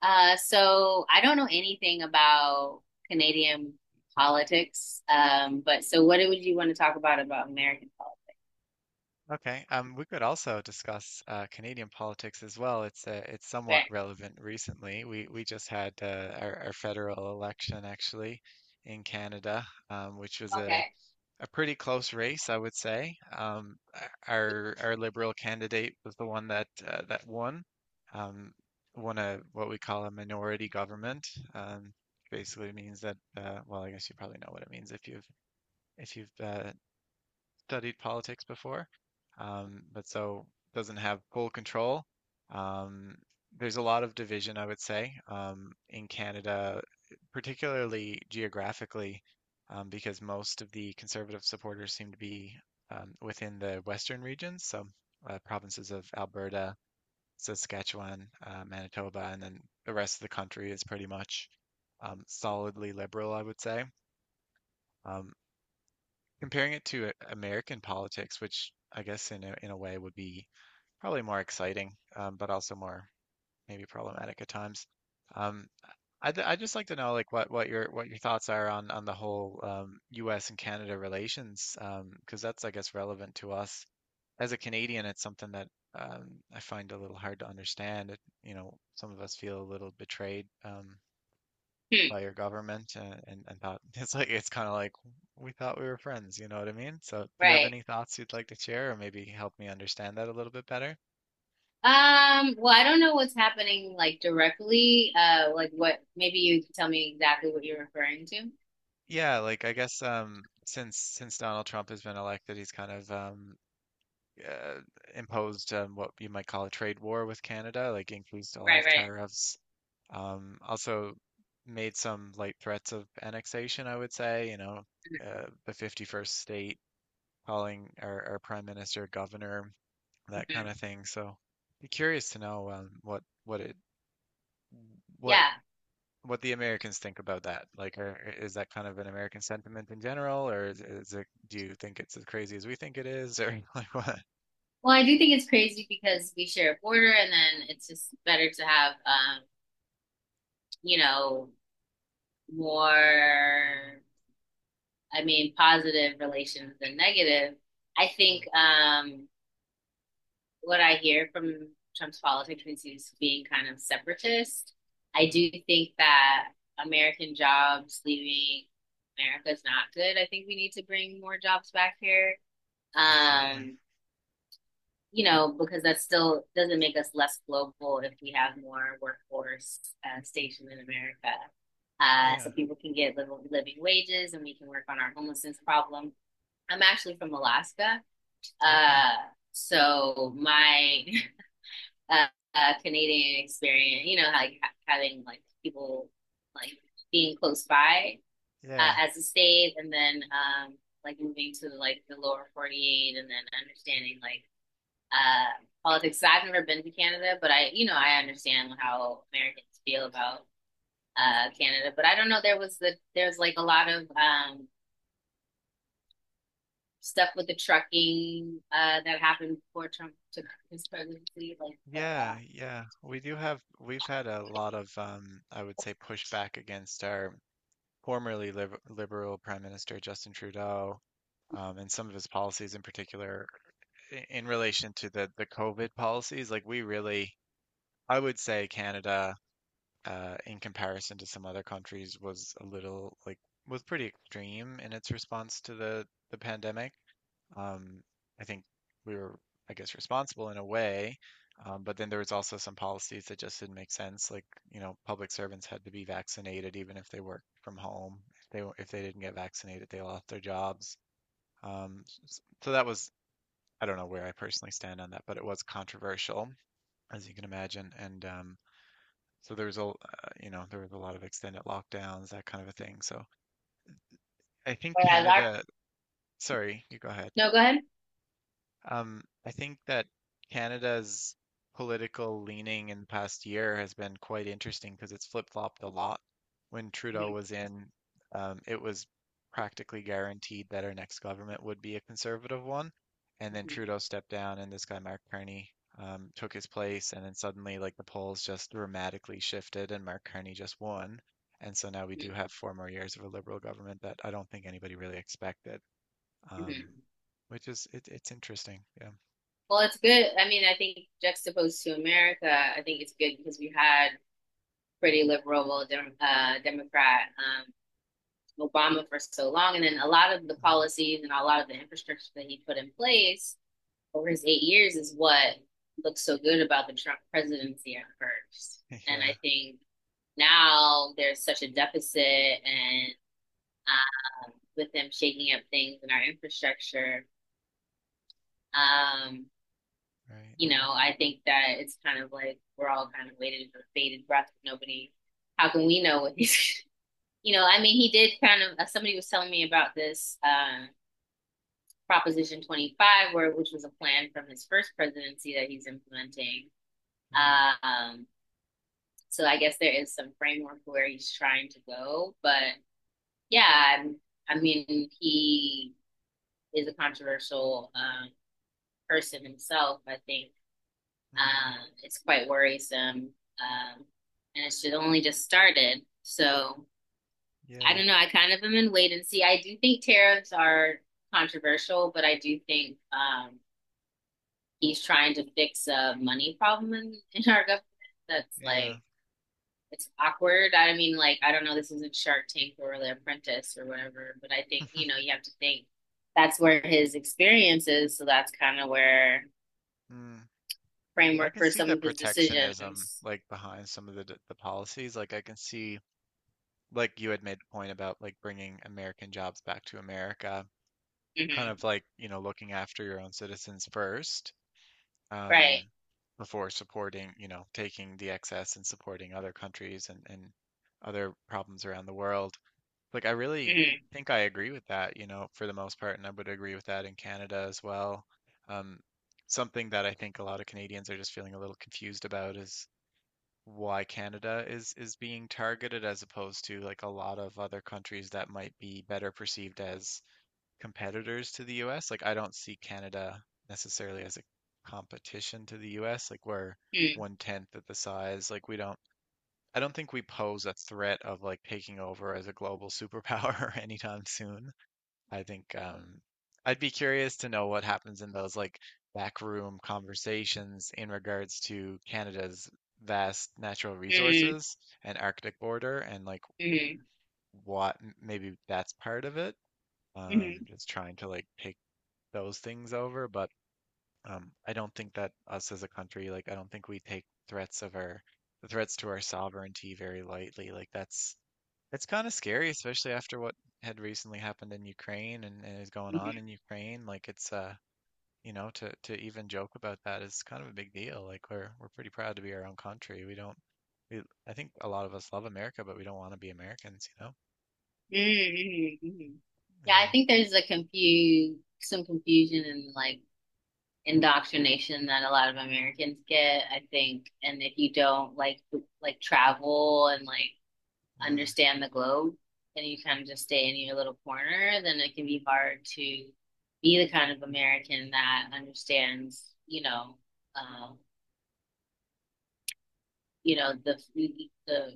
So I don't know anything about Canadian politics. But what would you want to talk about American politics? Okay, we could also discuss Canadian politics as well. It's somewhat Okay. relevant recently. We just had our federal election actually in Canada, which was a, Okay. a pretty close race, I would say. Our Liberal candidate was the one that that won, um, won a what we call a minority government. Um, basically means that well, I guess you probably know what it means if you've if you've studied politics before, but so doesn't have full control. Um, there's a lot of division, I would say, in Canada, particularly geographically, because most of the conservative supporters seem to be within the western regions, so provinces of Alberta, Saskatchewan, Manitoba, and then the rest of the country is pretty much solidly liberal, I would say. Um, comparing it to American politics, which I guess in a way would be probably more exciting, but also more maybe problematic at times. Um, I'd just like to know like what your thoughts are on the whole U.S. and Canada relations, because that's I guess relevant to us. As a Canadian, it's something that I find a little hard to understand. It, you know, some of us feel a little betrayed. Hmm, By your government and thought it's like it's kind of like we thought we were friends, you know what I mean? So do you have right. any thoughts you'd like to share or maybe help me understand that a little bit better? Well, I don't know what's happening like directly. Like what? Maybe you can tell me exactly what you're referring to. Yeah, like I guess since Donald Trump has been elected, he's kind of uh, imposed what you might call a trade war with Canada, like increased a lot Right, of right. tariffs. Also made some light threats of annexation, I would say, you know, the 51st state calling our prime minister governor, that kind Mhm. of thing. So be curious to know what it what Yeah. what the Americans think about that. Like, is that kind of an American sentiment in general, or is it? Do you think it's as crazy as we think it is, or like what? Well, I do think it's crazy because we share a border, and then it's just better to have, you know, more. I mean, positive relations than negative. I Mm, think what I hear from Trump's politics is being kind of separatist. I mm, do think that American jobs leaving America is not good. I think we need to bring more jobs back here. absolutely. Um, you know, because that still doesn't make us less global if we have more workforce stationed in America. Yeah. So people can get living wages and we can work on our homelessness problem. I'm actually from Alaska. Okay. Uh, so my uh, Canadian experience, you know, like having like people like being close by Yeah. as a state, and then like moving to like the lower 48, and then understanding politics. So I've never been to Canada, but I, you know, I understand how Americans feel about Canada. But I don't know. There was the There's like a lot of stuff with the trucking that happened before Trump took his presidency. Yeah. Yeah, we do have. We've had a lot of, I would say, pushback against our formerly liberal Prime Minister Justin Trudeau, and some of his policies in particular in relation to the COVID policies, like we really, I would say Canada, in comparison to some other countries, was a little like was pretty extreme in its response to the pandemic. Um, I think we were, I guess, responsible in a way, but then there was also some policies that just didn't make sense. Like, you know, public servants had to be vaccinated even if they worked from home. If they didn't get vaccinated, they lost their jobs. So that was I don't know where I personally stand on that, but it was controversial, as you can imagine. And so there was you know, there was a lot of extended lockdowns, that kind of a thing. So I think Whereas our— Canada, sorry, you go ahead. no, go ahead. I think that Canada's political leaning in the past year has been quite interesting because it's flip-flopped a lot. When Trudeau was in, it was practically guaranteed that our next government would be a conservative one. And then Mm-hmm, Trudeau stepped down, and this guy, Mark Carney, took his place. And then suddenly, like, the polls just dramatically shifted, and Mark Carney just won. And so now we mm-hmm, do have four more years of a liberal government that I don't think anybody really expected, mm-hmm. um, which is it's interesting. Yeah. Well, it's good. I mean, I think juxtaposed to America, I think it's good because we had pretty liberal Democrat Obama for so long, and then a lot of the Hmm. policies and a lot of the infrastructure that he put in place over his 8 years is what looks so good about the Trump presidency at first. And Yeah. I think now there's such a deficit and with them shaking up things in our infrastructure, um, Right. you know, I think that it's kind of like we're all kind of waiting for bated breath. Nobody, how can we know what he's— you know, I mean, he did kind of, somebody was telling me about this Proposition 25, where which was a plan from his first presidency that he's implementing. Hmm. Um, so I guess there is some framework where he's trying to go, but yeah, I, mean, he is a controversial person himself. I think Hmm. um, it's quite worrisome, um, and it should only just started. So I Yeah. don't know. I kind of am in wait and see. I do think tariffs are controversial, but I do think he's trying to fix a money problem in our government that's Yeah. like it's awkward. I mean, like, I don't know, this isn't Shark Tank or The Apprentice or whatever, but I think, you know, you have to think that's where his experience is. So that's kind of where Mm. I framework can for see some the of his protectionism decisions. like behind some of the policies. Like I can see, like you had made the point about like bringing American jobs back to America, kind Mm-hmm. of like, you know, looking after your own citizens first, um, Right. before supporting, you know, taking the excess and supporting other countries and other problems around the world. Like, I really Mm-hmm. think I agree with that, you know, for the most part, and I would agree with that in Canada as well. Um, something that I think a lot of Canadians are just feeling a little confused about is why Canada is being targeted as opposed to like a lot of other countries that might be better perceived as competitors to the US. Like I don't see Canada necessarily as a competition to the US. Like we're Mm-hmm. one tenth of the size. Like we don't I don't think we pose a threat of like taking over as a global superpower anytime soon. I think I'd be curious to know what happens in those like backroom conversations in regards to Canada's vast natural Mm-hmm. resources and Arctic border, and like Mm-hmm. what maybe that's part of it, Mm-hmm. just trying to like pick those things over, but I don't think that us as a country, like, I don't think we take threats of our the threats to our sovereignty very lightly. Like, that's kind of scary, especially after what had recently happened in Ukraine and is going on Mm-hmm. in Ukraine. Like, it's you know, to even joke about that is kind of a big deal. Like, we're pretty proud to be our own country. We don't. We, I think a lot of us love America, but we don't want to be Americans, you know? Mm-hmm. Mm-hmm. Yeah, I Yeah. think there's some confusion and like indoctrination that a lot of Americans get, I think. And if you don't like travel and like Mm, understand the globe and you kind of just stay in your little corner, then it can be hard to be the kind of American that understands, uh, you know the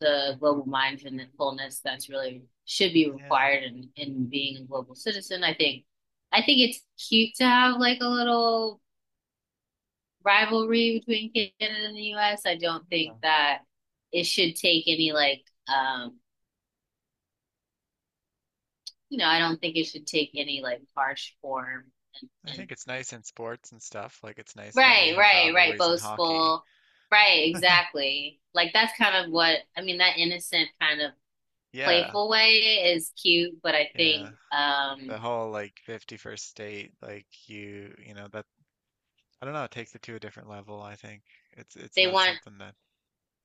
the global mindfulness that's really should be yeah. required in being a global citizen. I think it's cute to have like a little rivalry between Canada and the US. I don't Yeah. think that it should take any like you know, I don't think it should take any like harsh form I and think it's nice in sports and stuff. Like it's nice that we right, have right, right, rivalries in hockey. boastful. Right, exactly. Like that's kind of what I mean, that innocent kind of Yeah, playful way is cute, but I yeah. think The whole like 51st state, like you know, that I don't know, it takes it to a different level, I think. It's they not want something that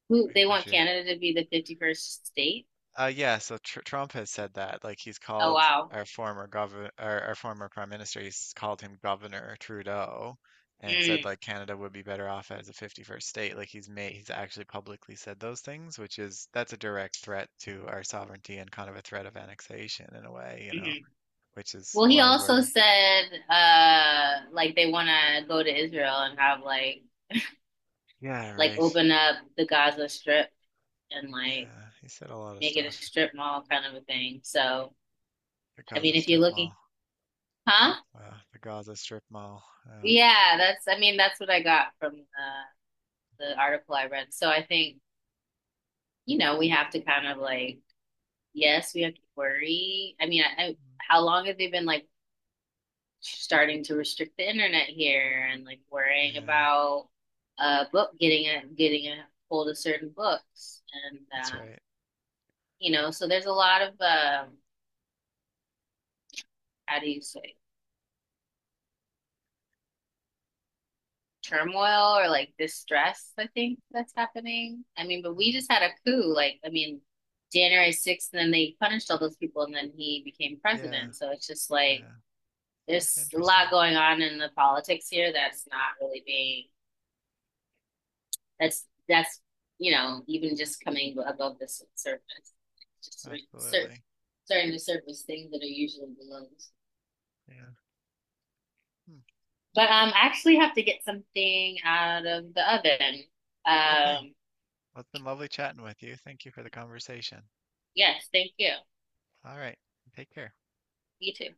who we they want appreciate. Canada to be the 51st state. Yeah, so tr Trump has said that. Like he's Oh called wow. our former governor, our former prime minister, he's called him Governor Trudeau, and said Mm, like Canada would be better off as a 51st state. Like he's actually publicly said those things, which is that's a direct threat to our sovereignty and kind of a threat of annexation in a way, you know, mhm. which is Well, he why also we're said like they want to go to Israel and have yeah, like right. open up the Gaza Strip and like Yeah, he said a lot of make it a stuff. strip mall kind of a thing. So, The I Gaza mean, if you're Strip looking, Mall, huh? The Gaza Strip Mall. Uh, Yeah, that's, I mean, that's what I got from the article I read. So I think, you know, we have to kind of like, yes, we have to worry. I mean, how long have they been like starting to restrict the internet here and like worrying yeah, about book getting a hold of certain books and that's right. you know so there's a lot of how do you say turmoil or like distress, I think that's happening. I mean, but Mm, we just had a coup. Like, I mean, January 6th, and then they punished all those people, and then he became yeah. president. So it's just like Yeah. Yeah, it's there's a lot interesting. going on in the politics here that's not really that's, that's, you know, even just coming above the surface, just sur- Absolutely. starting to surface things that are usually below. Yeah. Hmm. But I actually have to get something out of the oven. Okay. Um, Well, it's been lovely chatting with you. Thank you for the conversation. yes, thank you. All right. Take care. You too.